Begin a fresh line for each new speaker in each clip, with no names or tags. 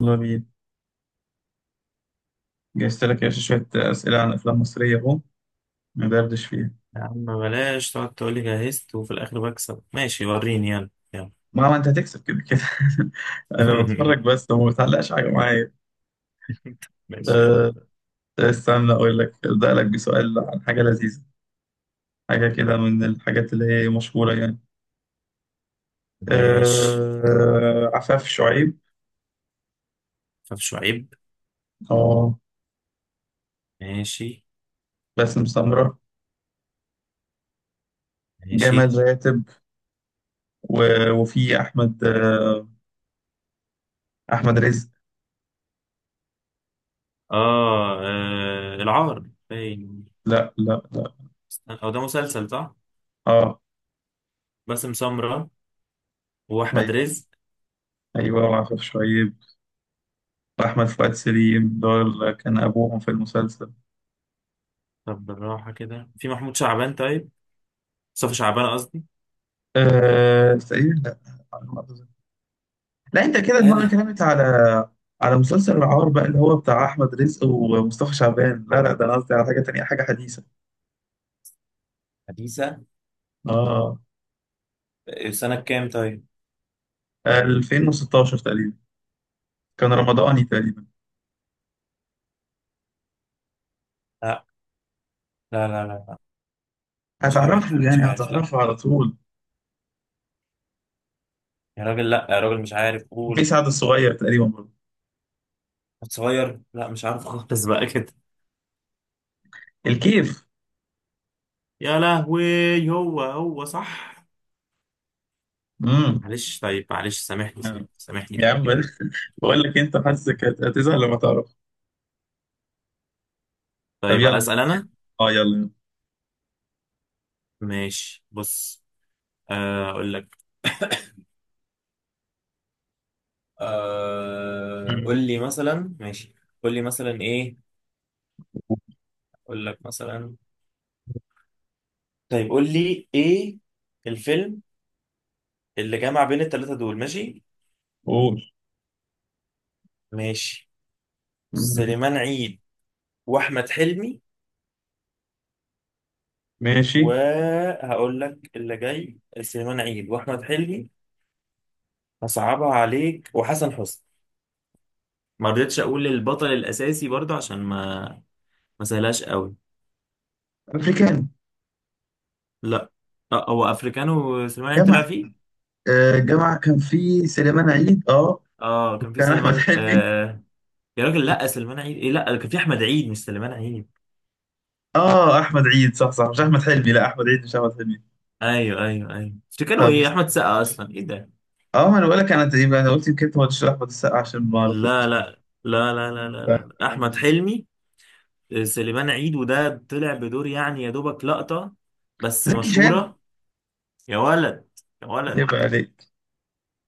يلا بينا. جهزت لك يا باشا شوية أسئلة عن أفلام مصرية أهو ندردش فيها.
يا عم بلاش تقعد تقولي جهزت وفي الآخر بكسب. ماشي، وريني. يلا يلا.
ما أنت هتكسب كده كده. أنا بتفرج بس وما بتعلقش حاجة معايا.
ماشي يلا.
أه، استنى أقول لك، أبدأ لك بسؤال عن حاجة لذيذة، حاجة كده من الحاجات اللي هي مشهورة يعني.
ماشي،
أه، عفاف شعيب.
فف شعيب.
أه،
ماشي
باسم سمرة.
ماشي.
جمال راتب و وفي أحمد، أه أحمد رزق.
آه، العار باين.
لا لا لا.
استنى، هو ده مسلسل صح؟
أه.
باسم سمرة وأحمد
أيوه،
رزق.
أيوه وعفاف شعيب وأحمد فؤاد سليم، دول كان أبوهم في المسلسل.
طب بالراحة كده، في محمود شعبان؟ طيب مصطفى شعبان قصدي.
أه تقريبا، لا على ما أتذكر. لا أنت كده
ايه
دماغك
ده؟
كلمت على مسلسل العار بقى اللي هو بتاع أحمد رزق ومصطفى شعبان. لا لا، ده أنا قصدي على حاجة تانية، حاجة حديثة.
حديثة.
آه.
سنة كام طيب؟
2016 تقريبا، كان رمضاني تقريبا.
لا لا، مش عارف
هتعرفه
مش
يعني،
عارف لا.
هتعرفه على طول.
يا راجل لا، يا راجل مش عارف،
في
قول.
سعد الصغير تقريبا برضه.
صغير؟ لا مش عارف خالص بقى كده.
الكيف.
يا لهوي، هو صح.
امم
معلش طيب، معلش، سامحني سامحني سامحني،
يا
طيب.
عم بقول، بقول لك أنت حاسك هتزهق لما تعرف. طب
طيب
يلا.
اسال انا،
اه يلا
ماشي، بص. آه، اقول لك. آه،
يلا.
قول لي مثلا، ماشي. قول لي مثلا ايه، اقول لك مثلا.
مم.
طيب قول لي ايه الفيلم اللي جمع بين الثلاثه دول. ماشي
قول.
ماشي.
مم.
سليمان عيد واحمد حلمي.
ماشي.
وهقول لك اللي جاي، سليمان عيد واحمد حلمي. هصعبها عليك، وحسن حسني. ما رضيتش اقول البطل الاساسي برضه عشان ما سهلاش قوي.
افريكان.
لا. آه، هو افريكانو سليمان عيد طلع
جامعة.
فيه.
آه جامعة، كان في سليمان عيد. اه
اه كان في
كان احمد
سليمان،
حلمي.
آه. يا راجل لا، سليمان عيد ايه، لا كان في احمد عيد مش سليمان عيد.
اه احمد عيد، صح صح، مش احمد حلمي، لا احمد عيد مش احمد حلمي.
ايوه ايوه ايوه افريكانو،
طب،
ايه احمد سقا اصلا، ايه ده.
اه ما انا بقول لك، انا يبقى انا قلت يمكن انت ما قلتش احمد السقا عشان ما اعرفوش
لا
بصراحة.
لا لا لا لا لا,
آه،
لا. احمد حلمي. آه، سليمان عيد، وده طلع بدور يعني يا دوبك لقطة بس
زكي شان.
مشهورة. يا ولد، يا ولد.
يبقى عليك.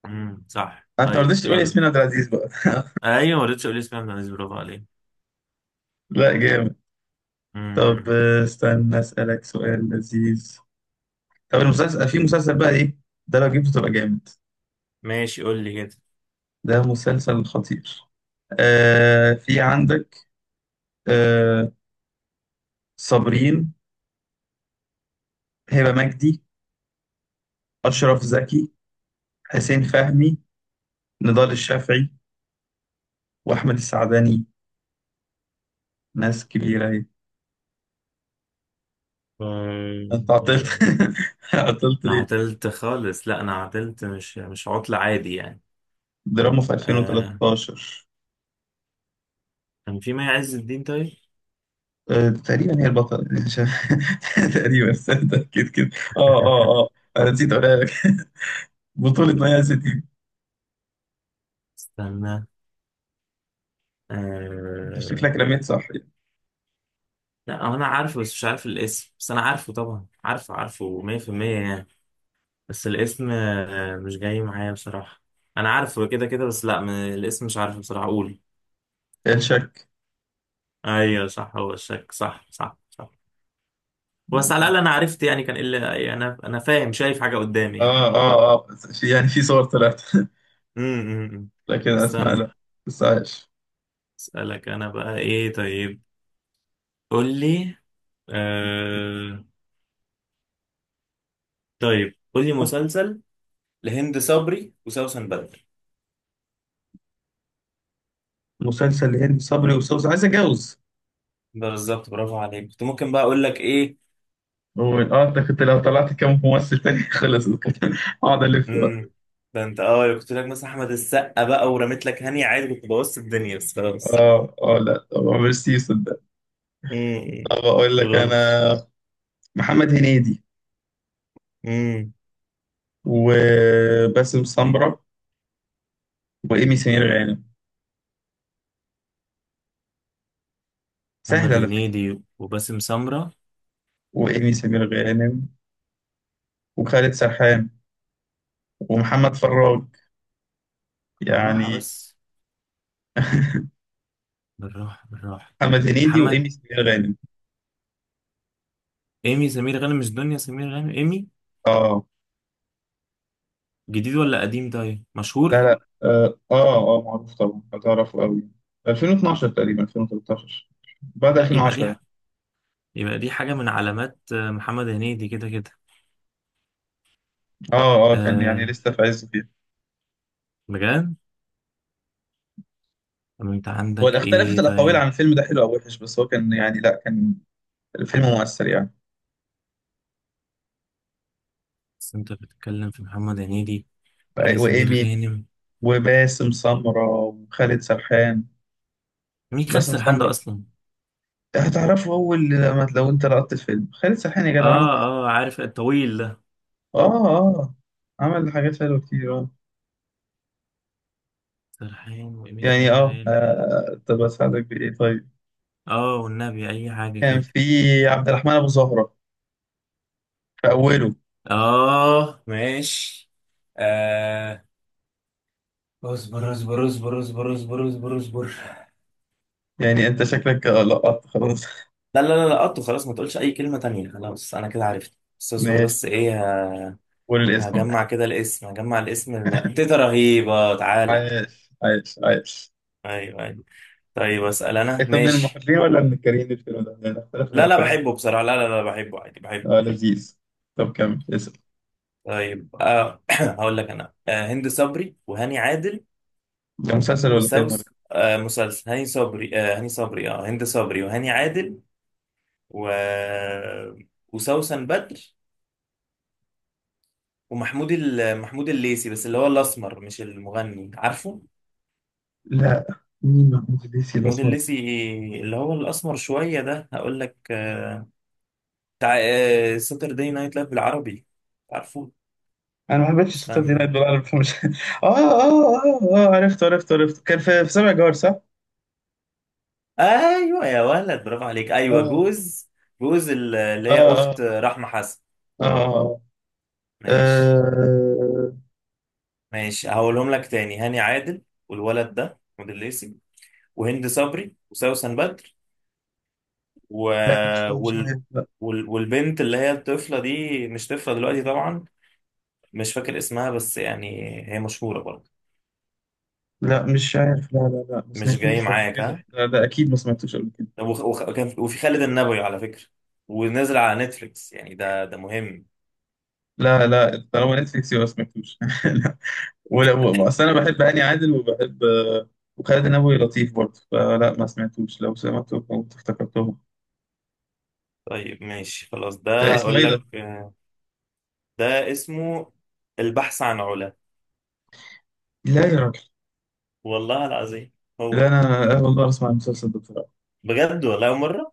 صح،
انت ما
طيب
رضيتش تقول
يلا.
ياسمين عبد العزيز بقى.
ايوه ما رضيتش اقول اسمها من، برافو عليك.
لا، جامد. طب
امم
استنى اسالك سؤال لذيذ. طب المسلسل، في مسلسل بقى ايه ده، لو جبته تبقى جامد.
ماشي، قول لي كده.
ده مسلسل خطير. آه، في عندك. آه. صابرين، هبة مجدي، أشرف زكي، حسين فهمي، نضال الشافعي، وأحمد السعداني. ناس كبيرة أهي. أنت عطلت.
آه،
عطلت
انا
ليه؟
عطلت خالص، لا انا عطلت، مش عطل عادي يعني.
دراما في
آه.
2013.
كان في مي عز الدين طيب.
آه تقريبا هي البطلة. مش عارف. تقريبا، استنى أكيد كده. أه أه أه، أنا نسيت أقولها لك. بطولة مي عزتي.
استنى.
أنت
آه.
شكلك رميت، صح.
لا هو انا عارفه بس مش عارف الاسم، بس انا عارفه طبعا، عارفه عارفه 100% يعني. بس الاسم آه مش جاي معايا بصراحة. انا عارفه كده كده، بس لا الاسم مش عارفه بصراحة، قول.
يعني الشك.
ايوه صح، هو الشك، صح صح صح. بس على الاقل انا عرفت يعني، كان الا يعني، انا فاهم، شايف حاجة قدامي يعني.
آه آه آه، في يعني في صور طلعت.
امم
لكن أسمع،
استنى،
لا. بس عايش.
اسالك انا بقى ايه طيب، قول لي. آه... طيب قول لي مسلسل لهند صبري وسوسن بدر.
مسلسل هند صبري وسوس عايز اتجوز.
ده بالظبط، برافو عليك، كنت ممكن بقى اقول لك ايه.
اه انت كنت لو طلعت كام ممثل تاني خلص كده، اقعد الف بقى.
امم ده انت اه كنت لك مثلا احمد السقا، بقى ورميت لك هاني عادي، كنت بوظت الدنيا بس خلاص.
اه اه، لا طب عمرو سي صدق.
امم
طب اقول لك
خلاص.
انا، محمد هنيدي
امم
وباسم سمرة وايمي سمير غانم. سهل
محمد
على فكرة.
هنيدي وباسم سمرة.
وايمي سمير غانم وخالد سرحان ومحمد فراج
بالراحة
يعني.
بس، بالراحة بالراحة.
محمد هنيدي
محمد،
وايمي سمير غانم.
إيمي سمير غانم مش دنيا سمير غانم، إيمي.
اه.
جديد ولا قديم؟ طيب
لا
مشهور.
لا، اه اه معروف طبعا، هتعرفه قوي. 2012 تقريبا، 2013، بعد
لا يبقى
2010
دي
يعني.
يبقى دي حاجة من علامات آه، محمد هنيدي كده كده.
اه اه، كان يعني
أه،
لسه في عزه فيها.
بجد. طب انت
هو
عندك
اختلفت
ايه
الاقاويل
طيب؟
عن الفيلم ده حلو او وحش، بس هو كان يعني، لا كان الفيلم مؤثر يعني.
بس انت بتتكلم في محمد هنيدي، إيمي سمير
وايمي
غانم.
وباسم سمرة وخالد سرحان.
مين خالد
باسم
سرحان ده
سمرة.
اصلا؟
هتعرفه اول لما، لو انت لقطت الفيلم خالد سرحان يا جدع، عمل.
اه اه، عارف الطويل ده.
اه اه، عمل حاجات حلوه كتير اه.
سرحان وإيمي
يعني
سمير
اه،
غانم.
طب اساعدك بايه طيب؟
اه والنبي اي حاجة
كان
كده.
في عبد الرحمن ابو زهره في أوله.
اه ماشي. آه. اصبر اصبر اصبر اصبر اصبر اصبر اصبر.
يعني أنت شكلك لقطت خلاص.
لا، لقطته خلاص، ما تقولش اي كلمة تانية خلاص، انا كده عرفت استاذور، بس
ماشي، طب
ايه
قول الاسم بقى.
هجمع كده الاسم، هجمع الاسم تيتا رهيبة تعالى.
عايش عايش عايش.
ايوه ايوه. طيب اسأل انا،
أنت من
ماشي.
المحبين ولا من الكارهين الفيلم ده؟ لأن اختلاف
لا لا،
الأقاويل.
بحبه بصراحة، لا لا لا بحبه عادي، بحبه.
آه، لذيذ. طب كمل اسم.
طيب آه، هقول لك انا آه، هند صبري وهاني عادل
ده مسلسل ولا فيلم ولا؟
وسوس. آه مسلسل، هاني صبري آه، هاني صبري، اه هند صبري وهاني عادل و وسوسن بدر ومحمود محمود الليثي، بس اللي هو الاسمر مش المغني، عارفه؟
لا. مين محمود الليثي ده
موديل
خالص؟
ليسي، اللي هو الاسمر شويه ده، هقول لك آه، بتاع آه، ساتردي نايت لايف بالعربي، عارفه؟
أنا ما حبيتش الشطة دي
استنى.
نايت بالعربي فمش. آه آه آه، آه عرفته عرفته عرفته، كان في في سبع جار صح؟
ايوه يا ولد، برافو عليك، ايوه
آه
جوز. جوز اللي
آه
هي اخت
آه،
رحمه حسن.
آه آه.
ماشي.
آه.
ماشي، هقولهم لك تاني: هاني عادل، والولد ده موديل ليسي، وهند صبري وسوسن بدر و...
لا مش
وال...
عارف،
وال والبنت اللي هي الطفله دي، مش طفله دلوقتي طبعا، مش فاكر اسمها بس يعني هي مشهوره برضه.
لا مش عارف، لا لا لا، ما
مش جاي
سمعتوش قبل
معاك، ها.
كده، لا ده اكيد ما سمعتوش قبل كده.
وخ- وخ- وكان في- وفي خالد النبوي على فكرة، ونزل على نتفليكس يعني، ده ده مهم.
لا لا، طالما نتفليكس يبقى ما سمعتوش. لا ولا اصل انا بحب هاني عادل وبحب وخالد النبوي لطيف برضه، فلا ما سمعتوش، لو سمعته كنت افتكرتهم.
طيب ماشي خلاص،
لا،
ده
اسمه
اقول
ايه ده؟
لك آه، ده اسمه البحث عن علا.
لا يا راجل.
والله العظيم، هو
لا
ده.
انا اول مره اسمع المسلسل ده بصراحه،
بجد والله أول مرة.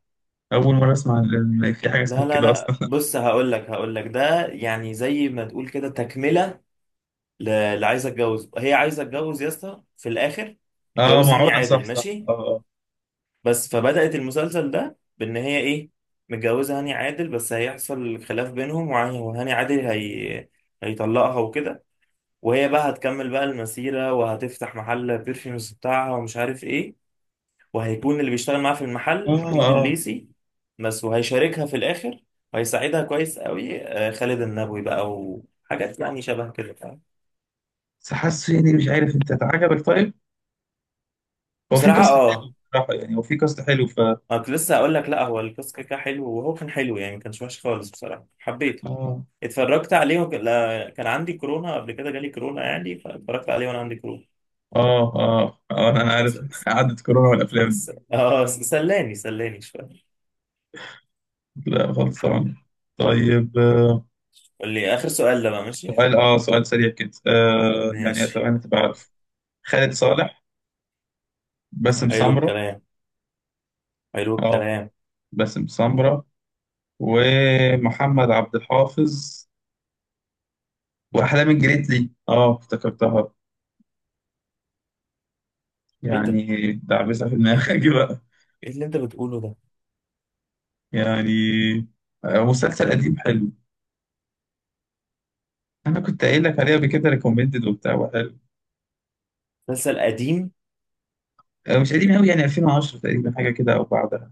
اول مره اسمع ان في حاجه
لا
اسمها
لا
كده
لا،
اصلا.
بص هقول لك ده يعني زي ما تقول كده تكملة، اللي عايزة اتجوز، هي عايزة اتجوز يا اسطى في الاخر،
اه
اتجوزها هاني
معونه، صح
عادل،
صح
ماشي.
اه
بس فبدأت المسلسل ده بإن هي إيه، متجوزة هاني عادل، بس هيحصل خلاف بينهم، وهاني عادل هي... هيطلقها وكده. وهي بقى هتكمل بقى المسيرة، وهتفتح محل بيرفيومز بتاعها ومش عارف إيه، وهيكون اللي بيشتغل معاها في
اه
المحل
اه
محمود
آه.
الليثي بس، وهيشاركها في الآخر وهيساعدها كويس قوي آه، خالد النبوي بقى، وحاجات يعني شبه كده، فاهم.
بس حاسه يعني، مش عارف انت عجبك طيب؟ هو في
بصراحة
كاست حلو
اه،
بصراحه يعني، هو في كاست حلو ف.
أنا كنت لسه هقول لك لا هو القصة كده كده حلو، وهو كان حلو يعني ما كانش وحش خالص بصراحة، حبيته.
اه
اتفرجت عليه وك... لا... كان عندي كورونا قبل كده، جالي كورونا يعني، فاتفرجت عليه وانا عندي كورونا.
اه اه، انا عارف.
بس...
قعدت كورونا والافلام دي.
اه سلاني سلاني شويه.
لا خلصان. طيب آه،
قول لي اخر سؤال ده بقى، ماشي.
سؤال، اه سؤال سريع كده، آه يعني
ماشي.
اتمنى تبقى عارف. خالد صالح. باسم
حلو
سمرة.
الكلام، حلو
اه،
الكلام.
باسم سمرة ومحمد عبد الحافظ واحلام الجريتلي، اه افتكرتها.
ايه ده،
يعني دعبسة في
ايه،
دماغك بقى.
إيه اللي انت بتقوله ده؟
يعني آه، مسلسل قديم حلو، انا كنت قايل لك عليه قبل كده، ريكومندد وبتاع وحلو.
مسلسل قديم.
آه، مش قديم قوي يعني، 2010 تقريبا حاجه كده او بعدها.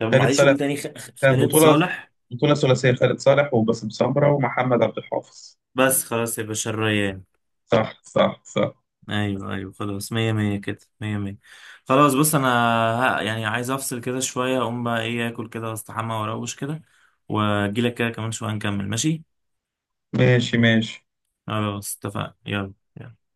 طب
خالد
معلش
صالح
قول تاني،
كان
خالد
بطولة،
صالح.
بطولة ثلاثية خالد صالح وباسم سمرة ومحمد عبد الحافظ.
بس خلاص يا باشا، الريان.
صح صح صح.
ايوه ايوه خلاص، مية مية كده، مية مية. خلاص بص انا، ها، يعني عايز افصل كده شوية، اقوم بقى ايه اكل كده واستحمى واروش كده، واجيلك كده كمان شوية نكمل، ماشي.
ماشي ماشي.
خلاص اتفقنا، يلا يلا.